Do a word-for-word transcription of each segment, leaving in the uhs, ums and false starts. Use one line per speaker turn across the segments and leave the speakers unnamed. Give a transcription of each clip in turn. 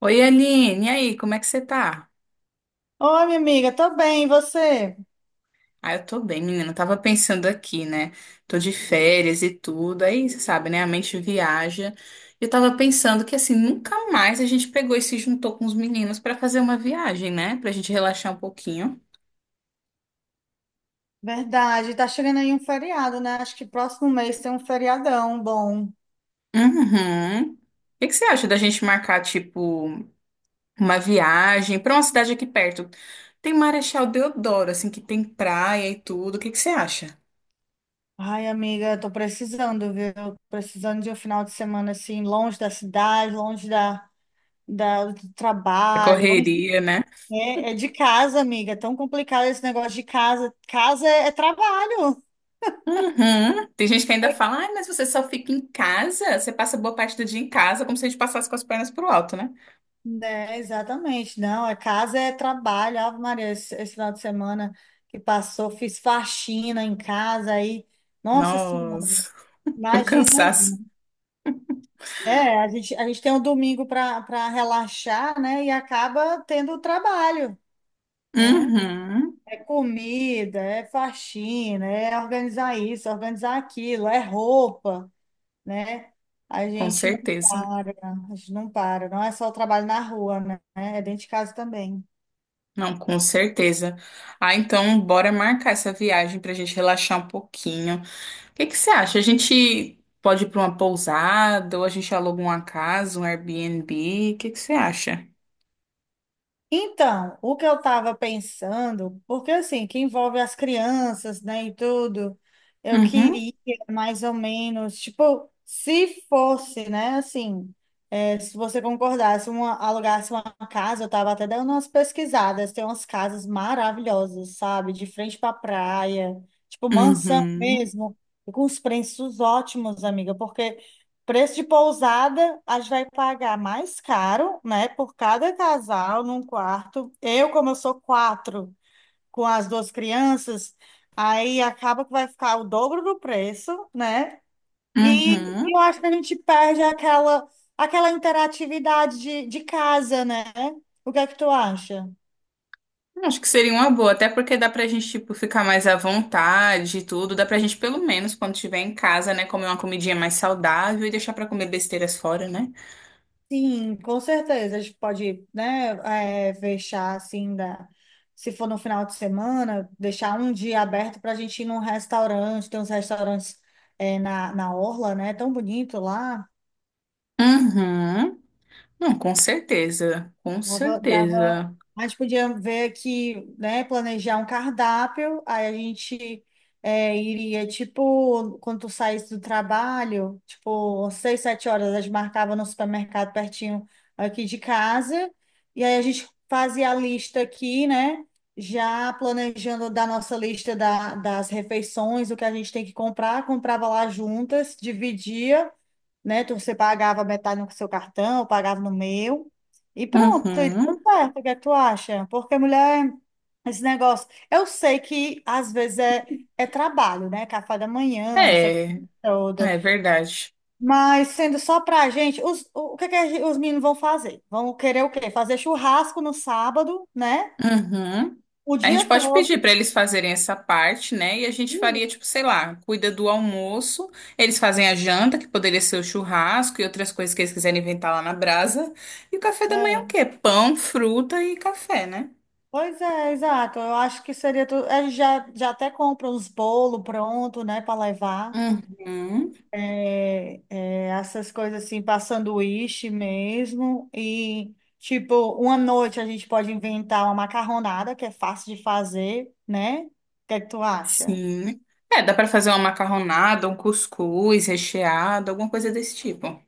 Oi, Aline, e aí, como é que você tá?
Oi, minha amiga, tô bem, e você?
Ah, eu tô bem, menina. Eu tava pensando aqui, né? Tô de férias e tudo. Aí, você sabe, né? A mente viaja. Eu tava pensando que, assim, nunca mais a gente pegou e se juntou com os meninos pra fazer uma viagem, né? Pra gente relaxar um pouquinho.
Verdade, tá chegando aí um feriado, né? Acho que próximo mês tem um feriadão bom.
Uhum. O que que você acha da gente marcar, tipo, uma viagem pra uma cidade aqui perto? Tem Marechal Deodoro, assim, que tem praia e tudo. O que que você acha?
Ai, amiga, tô precisando, viu? Tô precisando de um final de semana assim, longe da cidade, longe da, da- do
A
trabalho, longe de,
correria, né?
é, é de casa, amiga. É tão complicado esse negócio de casa. Casa é, é trabalho,
Uhum. Tem gente que ainda fala, ai, mas você só fica em casa, você passa boa parte do dia em casa, como se a gente passasse com as pernas pro alto, né?
né? Exatamente. Não, é casa é trabalho. Ave Maria, esse, esse final de semana que passou, fiz faxina em casa aí. Nossa Senhora.
Nossa, o
Imagina aí.
cansaço.
É, a gente, a gente tem um domingo para para relaxar, né? E acaba tendo o trabalho, né?
Uhum.
É comida, é faxina, é organizar isso, organizar aquilo, é roupa, né? A
Com
gente não
certeza.
para, a gente não para. Não é só o trabalho na rua, né? É dentro de casa também.
Não, com certeza. Ah, então bora marcar essa viagem pra gente relaxar um pouquinho. O que que você acha? A gente pode ir pra uma pousada ou a gente aluga uma casa, um Airbnb? O que que você acha?
Então, o que eu estava pensando, porque assim, que envolve as crianças, né, e tudo, eu
Uhum.
queria mais ou menos, tipo, se fosse, né, assim, é, se você concordasse, uma, alugasse uma casa, eu estava até dando umas pesquisadas, tem umas casas maravilhosas, sabe, de frente para praia, tipo, mansão
Uhum.
mesmo, e com os preços ótimos, amiga, porque preço de pousada, a gente vai pagar mais caro, né, por cada casal num quarto. Eu, como eu sou quatro com as duas crianças, aí acaba que vai ficar o dobro do preço, né? E,
Uhum.
e eu acho que a gente perde aquela, aquela interatividade de, de casa, né? O que é que tu acha?
Acho que seria uma boa, até porque dá pra gente, tipo, ficar mais à vontade e tudo. Dá pra gente, pelo menos, quando estiver em casa, né, comer uma comidinha mais saudável e deixar pra comer besteiras fora, né?
Sim, com certeza. A gente pode, né, é, fechar assim da. Se for no final de semana, deixar um dia aberto para a gente ir num restaurante. Tem uns restaurantes é, na, na Orla, né? Tão bonito lá.
Uhum. Não, com certeza. Com
Dava, dava...
certeza.
A gente podia ver que, né, planejar um cardápio, aí a gente é, iria, tipo, quando tu saísse do trabalho, tipo, seis, sete horas, a gente marcava no supermercado pertinho aqui de casa, e aí a gente fazia a lista aqui, né, já planejando da nossa lista da, das refeições, o que a gente tem que comprar, comprava lá juntas, dividia, né? Tu- Você pagava metade no seu cartão, eu pagava no meu. E pronto, e deu
Uhum.
certo. O que é que tu acha? Porque mulher, esse negócio. Eu sei que às vezes é, é trabalho, né? Café da manhã, essa
É,
coisa toda.
é verdade.
Mas sendo só pra gente, os, o que é que a gen- os meninos vão fazer? Vão querer o quê? Fazer churrasco no sábado, né?
Uhum.
O
A
dia
gente pode
todo.
pedir para eles fazerem essa parte, né? E a gente
Hum,
faria, tipo, sei lá, cuida do almoço, eles fazem a janta, que poderia ser o churrasco e outras coisas que eles quiserem inventar lá na brasa. E o café da manhã é o
é.
quê? Pão, fruta e café, né?
Pois é, exato. Eu acho que seria tudo. Eles já, já até compram os bolos pronto, né, para levar.
Uhum.
É, é, essas coisas assim, para sanduíche mesmo. E, tipo, uma noite a gente pode inventar uma macarronada, que é fácil de fazer, né? O que é que tu acha?
Sim. É, dá para fazer uma macarronada, um cuscuz recheado, alguma coisa desse tipo.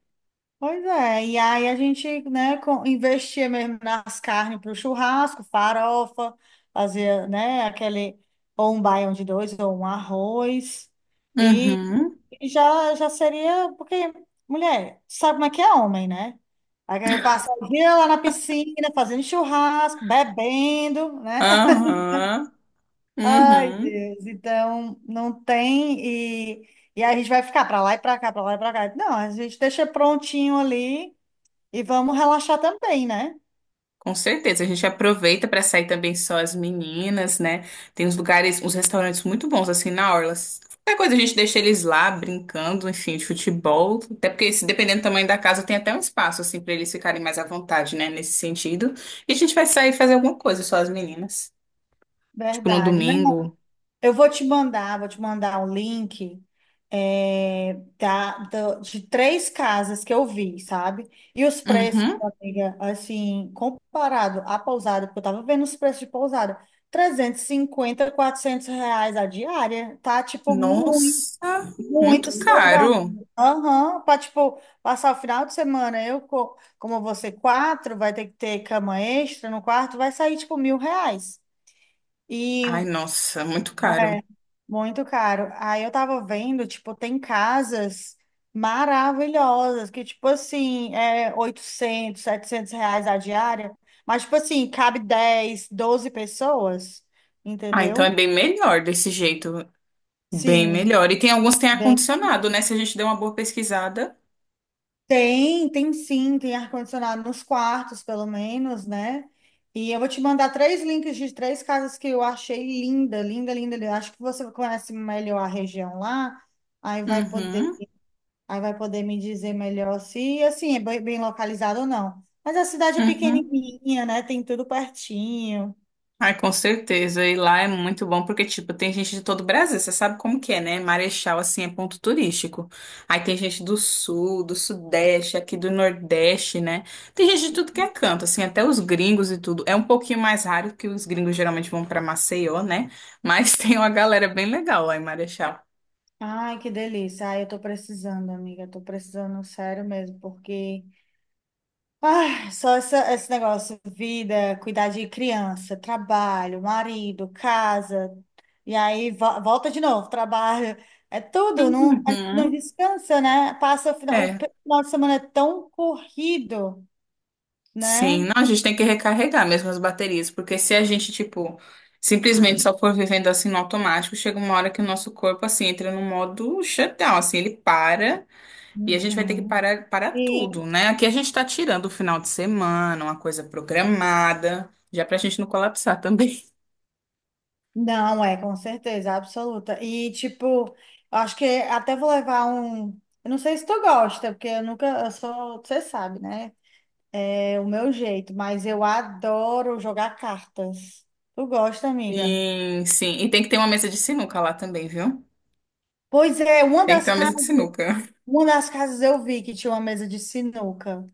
Pois é, e aí a gente, né, com- investia mesmo nas carnes para o churrasco, farofa, fazia, né, aquele, ou um baião de dois, ou um arroz, e
Uhum.
e já, já seria, porque, mulher, sabe como é que é homem, né? Aí quer passar o dia lá na piscina, fazendo churrasco, bebendo, né?
Aham.
Ai,
Uhum.
Deus, então não tem, e, e aí a gente vai ficar para lá e para cá, para lá e para cá. Não, a gente deixa prontinho ali, e vamos relaxar também, né?
Com certeza, a gente aproveita para sair também só as meninas, né? Tem uns lugares, uns restaurantes muito bons assim na orla. Qualquer coisa a gente deixa eles lá brincando, enfim, de futebol. Até porque, se dependendo do tamanho da casa, tem até um espaço assim para eles ficarem mais à vontade, né? Nesse sentido. E a gente vai sair fazer alguma coisa só as meninas, tipo no
Verdade. Não,
domingo.
eu vou te mandar, vou te mandar um link é, da, do- de três casas que eu vi, sabe? E os preços,
Uhum.
amiga, assim, comparado à pousada, porque eu tava vendo os preços de pousada, trezentos e cinquenta quatrocentos reais a diária, tá? Tipo, muito.
Nossa,
Muito
muito
salgado.
caro.
Aham, para tipo, passar o final de semana. Eu, co- como você quatro, vai ter que ter cama extra no quarto, vai sair, tipo, mil reais.
Ai,
E
nossa, muito caro.
é muito caro. Aí eu tava vendo, tipo, tem casas maravilhosas que, tipo assim, é oitocentos setecentos reais a diária. Mas, tipo assim, cabe dez doze pessoas,
Ah, então é
entendeu?
bem melhor desse jeito. Bem
Sim.
melhor. E tem alguns que tem ar-condicionado, né? Se a gente der uma boa pesquisada.
Tem, tem sim, tem ar-condicionado nos quartos, pelo menos, né? E eu vou te mandar três links de três casas que eu achei linda, linda, linda, linda. Eu acho que você conhece melhor a região lá, aí vai poder,
Uhum,
aí vai poder me dizer melhor se, assim, é bem, bem localizado ou não. Mas a cidade é
uhum.
pequenininha, né? Tem tudo pertinho.
Ai, com certeza. E lá é muito bom porque, tipo, tem gente de todo o Brasil. Você sabe como que é, né? Marechal, assim, é ponto turístico. Aí tem gente do Sul, do Sudeste, aqui do Nordeste, né? Tem gente de tudo que é canto, assim, até os gringos e tudo. É um pouquinho mais raro que os gringos geralmente vão pra Maceió, né? Mas tem uma galera bem legal lá em Marechal.
Ai, que delícia. Ai, eu tô precisando, amiga, eu tô precisando, sério mesmo, porque Ah, só essa- esse negócio, vida, cuidar de criança, trabalho, marido, casa, e aí vo- volta de novo, trabalho, é tudo, não, a gente não
Uhum.
descansa, né? Passa o final, o
É,
pe- final de semana é tão corrido, né?
sim, não, a gente tem que recarregar mesmo as baterias, porque se a gente, tipo, simplesmente só for vivendo assim no automático, chega uma hora que o nosso corpo, assim, entra no modo shutdown, assim, ele para e a gente vai ter que
Uhum.
parar, parar
E
tudo, né? Aqui a gente tá tirando o final de semana, uma coisa programada, já pra gente não colapsar também.
não é, com certeza, absoluta. E tipo, eu acho que até vou levar um, eu não sei se tu gosta, porque eu nunca, eu sou, você sabe, né? É o meu jeito, mas eu adoro jogar cartas. Tu gosta, amiga?
Sim, sim, e tem que ter uma mesa de sinuca lá também, viu?
Pois é, uma
Tem que ter
das
uma mesa
casas,
de sinuca.
uma das casas eu vi que tinha uma mesa de sinuca.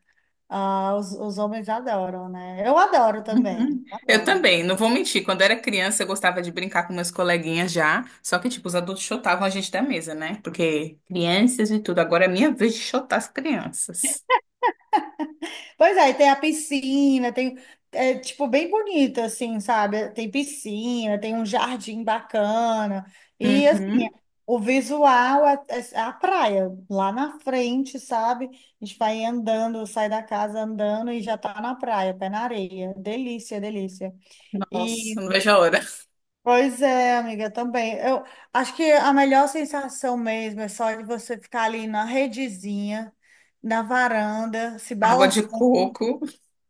Ah, os, os homens adoram, né? Eu adoro também,
Uhum. Eu
adoro.
também, não vou mentir. Quando eu era criança, eu gostava de brincar com meus coleguinhas já. Só que, tipo, os adultos chotavam a gente da mesa, né? Porque crianças e tudo. Agora é minha vez de chotar as crianças.
Pois é, e tem a piscina, tem, é, tipo, bem bonito, assim, sabe? Tem piscina, tem um jardim bacana. E, assim,
Uhum.
o visual é, é é a praia, lá na frente, sabe? A gente vai andando, sai da casa andando e já tá na praia, pé na areia. Delícia, delícia.
Nossa,
E,
não vejo a hora.
pois é, amiga, também. Eu acho que a melhor sensação mesmo é só de você ficar ali na redezinha, na varanda, se
Água de
balançando.
coco,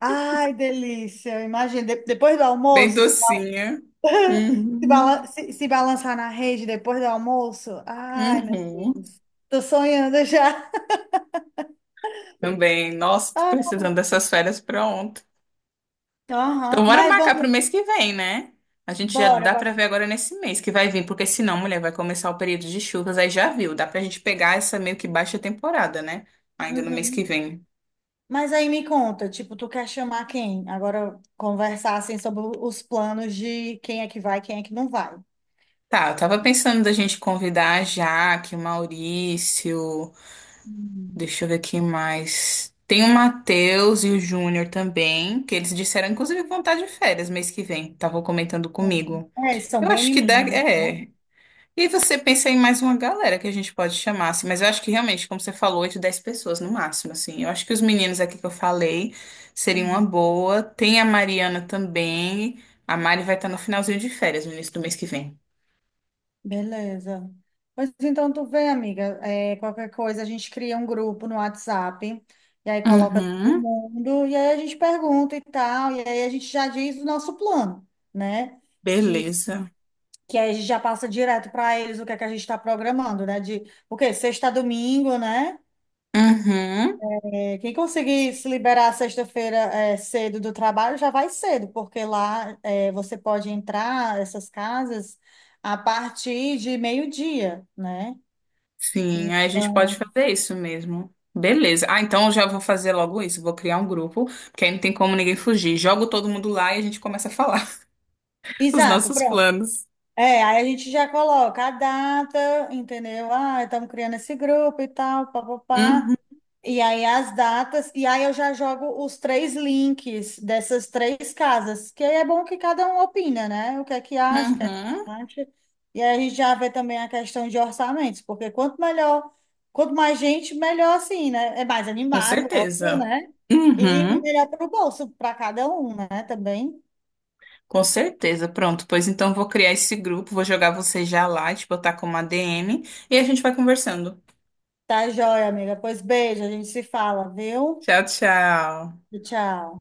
Ai, delícia. Imagina, de- depois do
bem
almoço, se
docinha. Uhum.
balan- se- se balançar na rede depois do almoço. Ai, meu
Uhum.
Deus. Tô sonhando já.
Também. Nossa, tô
Ah,
precisando dessas férias pronto. Então,
aham.
bora
Mas
marcar
vamos,
pro mês que vem, né? A gente já
bora,
dá
bora.
pra ver agora nesse mês que vai vir, porque senão, mulher, vai começar o período de chuvas, aí já viu. Dá pra gente pegar essa meio que baixa temporada, né? Ainda no mês que
Uhum.
vem.
Mas aí me conta, tipo, tu quer chamar quem? Agora conversar assim sobre os planos de quem é que vai, quem é que não vai.
Tá, eu tava pensando da gente convidar a Jaque, o Maurício,
Hum.
deixa eu ver aqui mais. Tem o Matheus e o Júnior também, que eles disseram, inclusive, que vão estar de férias mês que vem. Estavam comentando comigo.
É, eles são
Eu
bem
acho que dá,
animados, né?
é. E você pensa em mais uma galera que a gente pode chamar, assim, mas eu acho que realmente, como você falou, oito, dez pessoas no máximo, assim. Eu acho que os meninos aqui que eu falei seriam uma
Uhum.
boa. Tem a Mariana também. A Mari vai estar no finalzinho de férias, no início do mês que vem.
Beleza. Pois então tu vê, amiga, é, qualquer coisa a gente cria um grupo no WhatsApp e aí coloca todo
Uhum,
mundo e aí a gente pergunta e tal, e aí a gente já diz o nosso plano, né? Que,
beleza.
que aí a gente já passa direto para eles o que é que a gente está programando, né? De o quê? Sexta a domingo, né?
Uhum,
É, quem conseguir se liberar sexta-feira é, cedo do trabalho já vai cedo, porque lá é, você pode entrar essas casas a partir de meio-dia, né?
sim, aí a gente pode fazer isso mesmo. Beleza. Ah, então eu já vou fazer logo isso. Vou criar um grupo, porque aí não tem como ninguém fugir. Jogo todo mundo lá e a gente começa a falar os
Exato,
nossos
pronto.
planos.
É, aí a gente já coloca a data, entendeu? Ah, estamos criando esse grupo e tal, papapá.
Uhum,
E aí as datas, e aí eu já jogo os três links dessas três casas, que aí é bom que cada um opina, né? O que é que acha, o que é que
uhum.
não acha. E aí a gente já vê também a questão de orçamentos, porque quanto melhor, quanto mais gente, melhor assim, né? É mais
Com
animado, óbvio,
certeza.
né? E
Uhum,
melhor para o bolso, para cada um, né? Também.
com certeza. Pronto, pois então vou criar esse grupo, vou jogar você já lá, te botar como a ADM e a gente vai conversando.
Tá joia, amiga. Pois beijo, a gente se fala, viu?
Tchau, tchau.
Tchau.